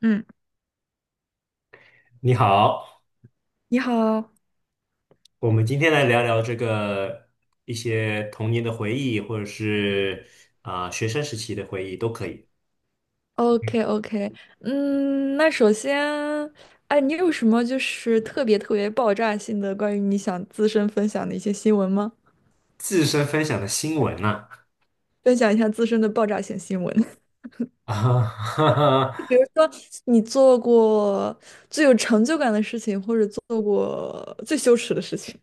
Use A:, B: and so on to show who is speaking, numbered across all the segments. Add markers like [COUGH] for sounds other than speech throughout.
A: 嗯，
B: 你好，
A: 你好
B: 我们今天来聊聊这个一些童年的回忆，或者是学生时期的回忆都可以。
A: ，OK OK。嗯，那首先，哎，你有什么特别特别爆炸性的关于你想自身分享的一些新闻吗？
B: 自身分享的新闻呐、
A: 分享一下自身的爆炸性新闻。[LAUGHS]
B: [LAUGHS] 啊，哈哈，
A: 你做过最有成就感的事情，或者做过最羞耻的事情，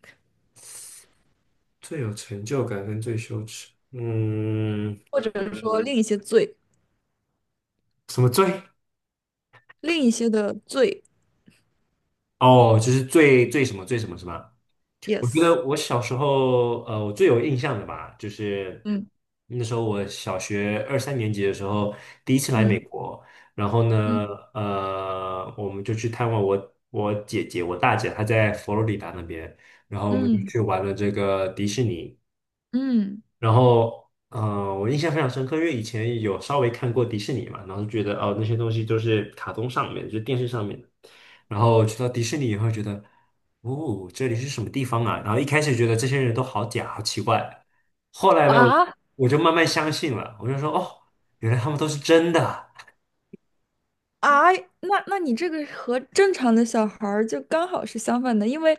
B: 最有成就感跟最羞耻，嗯，
A: 或者是说另一些罪，
B: 什么最？
A: 另一些的罪
B: 哦，就是最最什么最什么是吧？我觉
A: ，yes。
B: 得我小时候，我最有印象的吧，就是
A: 嗯
B: 那时候我小学二三年级的时候，第一次来美
A: 嗯
B: 国。然后
A: 嗯
B: 呢，我们就去探望我姐姐，我大姐，她在佛罗里达那边，然后我们就
A: 嗯
B: 去玩了这个迪士尼。
A: 嗯。
B: 然后，我印象非常深刻，因为以前有稍微看过迪士尼嘛，然后就觉得哦，那些东西都是卡通上面，就是电视上面的。然后去到迪士尼以后，觉得，哦，这里是什么地方啊？然后一开始觉得这些人都好假，好奇怪。后来呢，我
A: 啊。
B: 我就慢慢相信了，我就说，哦，原来他们都是真的
A: 啊，那你这个和正常的小孩儿就刚好是相反的，因为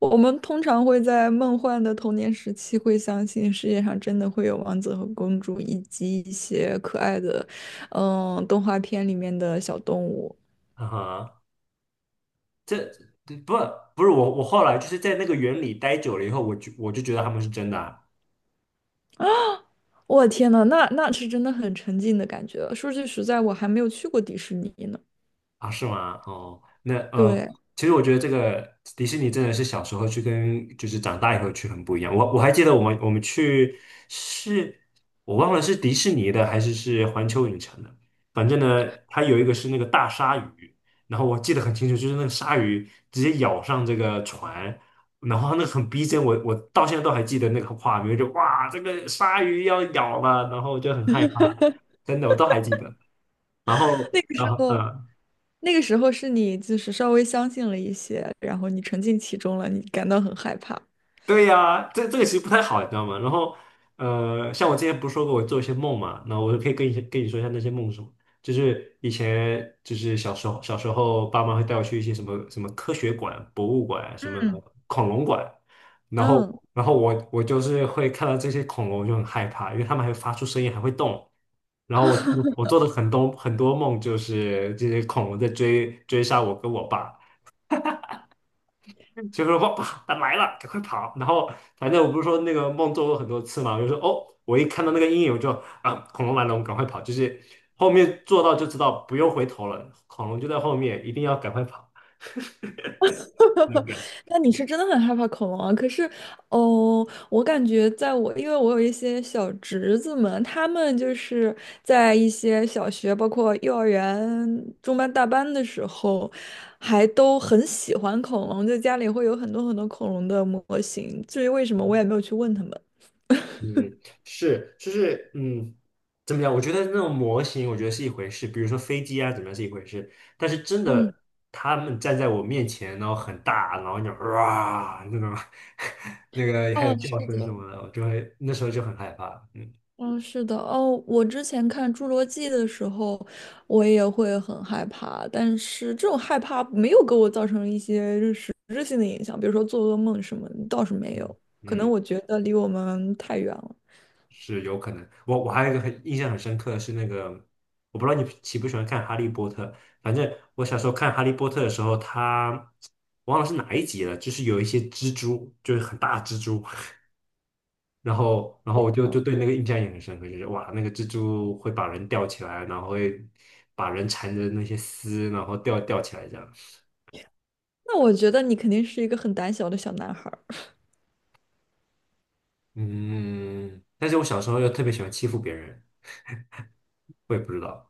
A: 我们通常会在梦幻的童年时期会相信世界上真的会有王子和公主，以及一些可爱的，嗯，动画片里面的小动物。
B: 啊！哈，这不不是我，我后来就是在那个园里待久了以后，我就觉得他们是真的啊。
A: 我天呐，那是真的很沉浸的感觉。说句实在，我还没有去过迪士尼呢。
B: 啊，是吗？哦，那
A: 对。
B: 其实我觉得这个迪士尼真的是小时候去跟就是长大以后去很不一样。我还记得我们去是，我忘了是迪士尼的还是是环球影城的。反正呢，它有一个是那个大鲨鱼，然后我记得很清楚，就是那个鲨鱼直接咬上这个船，然后那个很逼真，我到现在都还记得那个画面，就哇，这个鲨鱼要咬了，然后就很害怕，真的我都还记得。
A: 那个时候，
B: 嗯。
A: 那个时候是你就是稍微相信了一些，然后你沉浸其中了，你感到很害怕。
B: 对呀、这这个其实不太好，你知道吗？然后，像我之前不是说过我做一些梦嘛，那我就可以跟你说一下那些梦是什么。就是以前就是小时候，爸妈会带我去一些什么什么科学馆、博物馆、什么
A: 嗯
B: 恐龙馆。然后
A: 嗯。
B: 然后我就是会看到这些恐龙我就很害怕，因为它们还会发出声音，还会动。然后我
A: [LAUGHS]
B: 我做的很多梦就是这些恐龙在追杀我跟我爸。就说哇，它来了，赶快跑！然后反正我不是说那个梦做过很多次嘛，我就说哦，我一看到那个阴影我就啊，恐龙来了，我们赶快跑！就是后面做到就知道不用回头了，恐龙就在后面，一定要赶快跑。那种感觉
A: 那你是真的很害怕恐龙啊？可是，哦，我感觉在我，因为我有一些小侄子们，他们就是在一些小学，包括幼儿园中班、大班的时候，还都很喜欢恐龙，就家里会有很多很多恐龙的模型。至于为什么，我也没有去问他们。
B: 嗯，是，就是嗯，怎么讲？我觉得那种模型，我觉得是一回事，比如说飞机啊，怎么样是一回事，但是真
A: 嗯。
B: 的。他们站在我面前，然后很大，然后就哇那种，[LAUGHS] 那个还有
A: 哦，
B: 叫
A: 是
B: 声什
A: 的。
B: 么的，我就会那时候就很害怕。嗯
A: 嗯，是的。哦，我之前看《侏罗纪》的时候，我也会很害怕，但是这种害怕没有给我造成一些实质性的影响，比如说做噩梦什么倒是没
B: 嗯，
A: 有，可能
B: 嗯，
A: 我觉得离我们太远了。
B: 是有可能。我还有一个很印象很深刻的是那个，我不知道你喜不喜欢看《哈利波特》。反正我小时候看《哈利波特》的时候，他忘了是哪一集了，就是有一些蜘蛛，就是很大的蜘蛛。[LAUGHS] 然后，然后我就
A: 哦，
B: 对那个印象也很深刻，就是哇，那个蜘蛛会把人吊起来，然后会把人缠着那些丝，然后吊起来这样。
A: 那我觉得你肯定是一个很胆小的小男孩儿，
B: 嗯，但是我小时候又特别喜欢欺负别人，我也不知道。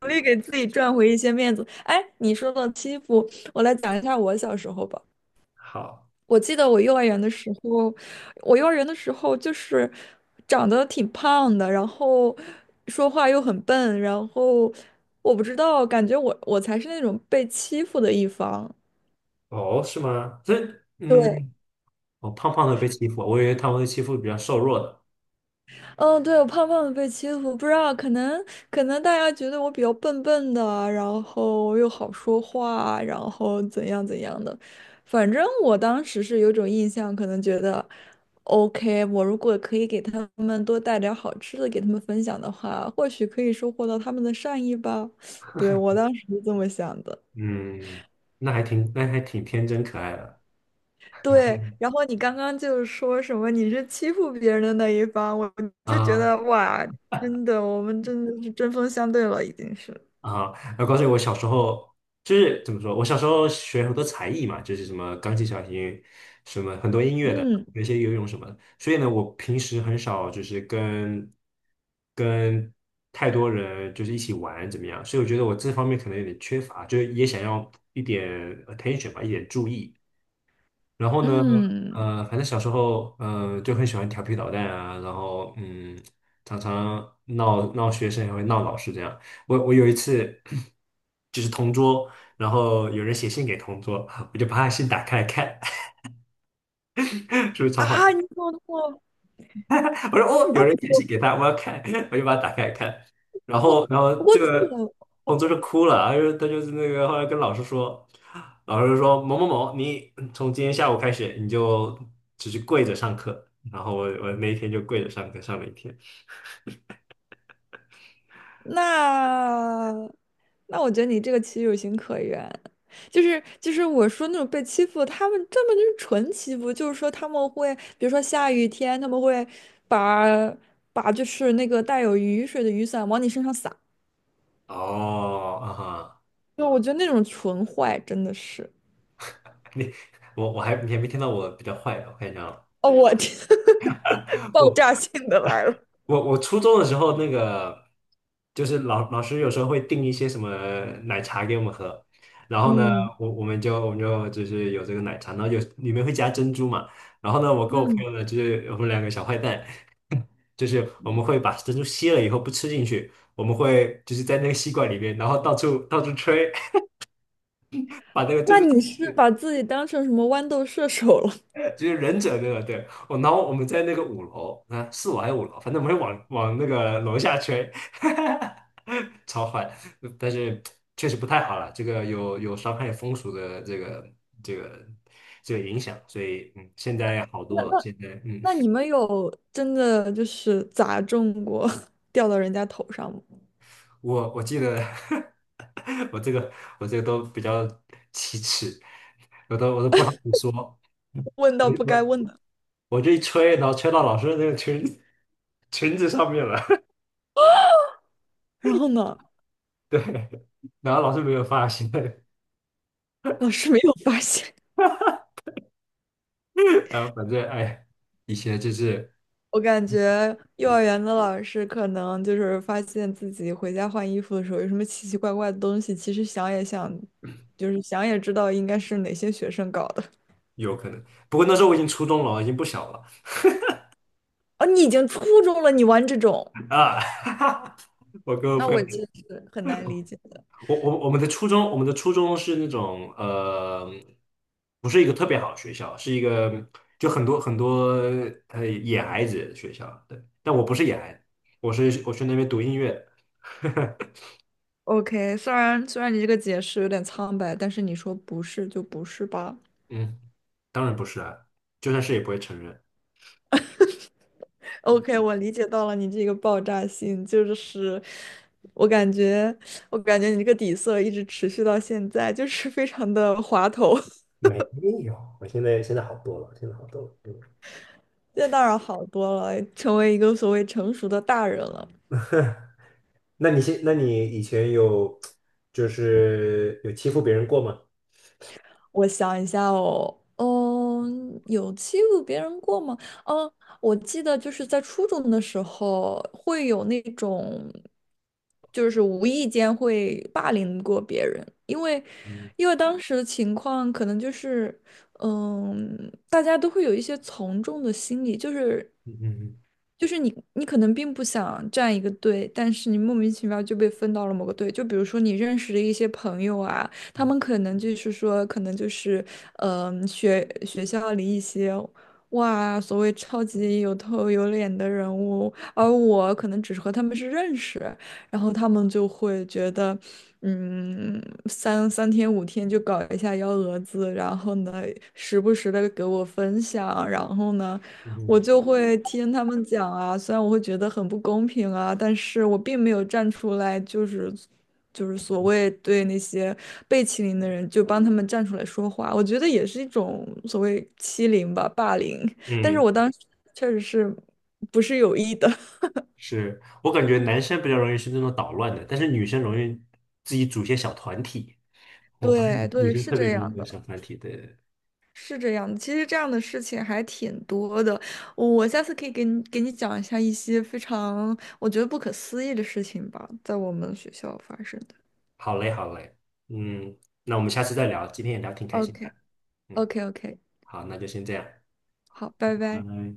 A: 努力给自己赚回一些面子。哎，你说到欺负，我来讲一下我小时候吧。
B: 好，
A: 我记得我幼儿园的时候，我幼儿园的时候就是长得挺胖的，然后说话又很笨，然后我不知道，感觉我才是那种被欺负的一方。
B: 哦，是吗？这
A: 对。
B: 嗯。我胖胖的被欺负，我以为他们会欺负比较瘦弱的。
A: 嗯，对，我胖胖的被欺负，不知道，可能可能大家觉得我比较笨笨的，然后又好说话，然后怎样怎样的，反正我当时是有种印象，可能觉得，OK,我如果可以给他们多带点儿好吃的给他们分享的话，或许可以收获到他们的善意吧。[LAUGHS] 对，我当时是这么想的。
B: 嗯，那还挺，那还挺天真可爱的。
A: 对，然后你刚刚就是说什么你是欺负别人的那一方，我就觉
B: 啊
A: 得哇，真的，我们真的是针锋相对了，已经是。
B: 啊，我告诉你我小时候就是怎么说，我小时候学很多才艺嘛，就是什么钢琴、小提，琴，什么很多音乐的，
A: 嗯
B: 有一些游泳什么的。所以呢，我平时很少就是跟太多人就是一起玩怎么样，所以我觉得我这方面可能有点缺乏，就是也想要一点 attention 吧，一点注意。然后呢，
A: 嗯。
B: 反正小时候，就很喜欢调皮捣蛋啊，然后嗯，常常闹闹学生，也会闹老师这样。我有一次 [CLEARS THROAT] 就是同桌，然后有人写信给同桌，我就把他信打开来看。[LAUGHS] 是不是超坏？
A: 啊，你说么那么
B: [LAUGHS] 我说哦，有
A: 啊？
B: 人
A: 不
B: 解析
A: 过
B: 给他，我要看，我就把它打开看。然
A: 不
B: 后，然后
A: 不过
B: 这
A: 这
B: 个
A: 个。
B: 同桌就哭了，他就是那个后来跟老师说，老师说某某某，你从今天下午开始你就只是跪着上课。然后我那一天就跪着上课上了一天。
A: 那那我觉得你这个其实有情可原，就是我说那种被欺负，他们根本就是纯欺负，就是说他们会，比如说下雨天，他们会把把就是那个带有雨水的雨伞往你身上撒，
B: 哦，啊哈，
A: 就我觉得那种纯坏真的是，
B: 你我还你还没听到我比较坏的，我看一下啊。
A: 哦，我天。[LAUGHS] 爆炸性的来了。
B: 我初中的时候，那个就是老师有时候会订一些什么奶茶给我们喝。然后呢，
A: 嗯
B: 我们就是有这个奶茶，然后有里面会加珍珠嘛。然后呢，我跟我朋
A: 嗯。
B: 友呢，就是我们两个小坏蛋，就是我们会把珍珠吸了以后不吃进去，我们会就是在那个吸管里面，然后到处吹，[LAUGHS] 把那个珍
A: 那
B: 珠
A: 你是把自己当成什么豌豆射手了？
B: 就是忍者对吧？对，我然后我们在那个五楼啊，四楼还是五楼，反正我们会往那个楼下吹，[LAUGHS] 超坏，但是确实不太好了，这个有伤害风俗的这个这个影响，所以嗯，现在好
A: [LAUGHS]
B: 多
A: 那
B: 了，
A: 那。
B: 现在嗯，
A: 那你们有真的就是砸中过，[LAUGHS] 掉到人家头上吗？
B: 我记得 [LAUGHS] 我这个我这个都比较奇耻，我都不好意思说，我
A: [LAUGHS] 问到不该
B: 我
A: 问的。
B: 我这一吹，然后吹到老师的那个裙 [LAUGHS] 裙子上面了。
A: 然后呢，
B: [LAUGHS] 对。然后老师没有发现。
A: 老师没有发现。
B: [LAUGHS] 然后反正哎，以前就是
A: [LAUGHS] 我感觉幼儿
B: 嗯
A: 园的老师可能就是发现自己回家换衣服的时候有什么奇奇怪怪的东西，其实想也想，就是想也知道应该是哪些学生搞的。
B: 有可能，不过那时候我已经初中了，已经不小了
A: 哦，你已经初中了，你玩这种，
B: 啊。[LAUGHS] 我跟我
A: 那
B: 朋
A: 我
B: 友，
A: 其实是很难理解的。
B: 我我们的初中，我们的初中是那种不是一个特别好的学校，是一个就很多很多呃野孩子的学校。对，但我不是野孩子，我是我去那边读音乐的。[LAUGHS]
A: OK,虽然你这个解释有点苍白，但是你说不是就不是吧。
B: 嗯，当然不是啊，就算是也不会承认。
A: OK,我理解到了你这个爆炸性，就是我感觉，我感觉你这个底色一直持续到现在，就是非常的滑头。[LAUGHS]
B: 没有，我现在好多了，现在好多了。
A: 现在当然好多了，成为一个所谓成熟的大人了。
B: 那你现，那你以前有就是有欺负别人过吗？
A: 我想一下哦，嗯，有欺负别人过吗？嗯，我记得就是在初中的时候会有那种，就是无意间会霸凌过别人，因为
B: 嗯
A: 因为当时的情况可能就是，嗯，大家都会有一些从众的心理，就是
B: 嗯嗯
A: 就是你，你可能并不想站一个队，但是你莫名其妙就被分到了某个队。就比如说你认识的一些朋友啊，他们可能就是说，可能就是，嗯、学校里一些，哇，所谓超级有头有脸的人物，而我可能只是和他们是认识，然后他们就会觉得，嗯，三三天五天就搞一下幺蛾子，然后呢，时不时的给我分享，然后呢。我
B: 嗯
A: 就会听他们讲啊，虽然我会觉得很不公平啊，但是我并没有站出来，就是所谓对那些被欺凌的人，就帮他们站出来说话，我觉得也是一种所谓欺凌吧，霸凌。但是
B: 嗯，
A: 我
B: 嗯，
A: 当时确实是不是有意的。
B: 是我感觉男生比较容易是那种捣乱的，但是女生容易自己组一些小团体。
A: [LAUGHS]
B: 我发
A: 对
B: 现女
A: 对，
B: 生
A: 是
B: 特别
A: 这
B: 容易
A: 样
B: 组
A: 的，
B: 小团体的。
A: 是这样的。其实这样的事情还挺多的，我下次可以给你讲一下一些非常我觉得不可思议的事情吧，在我们学校发生的。
B: 好嘞，好嘞，嗯，那我们下次再聊，今天也聊挺开心的。
A: OK。
B: 嗯，
A: OK OK。
B: 好，那就先这样，
A: 好，拜
B: 拜
A: 拜。
B: 拜。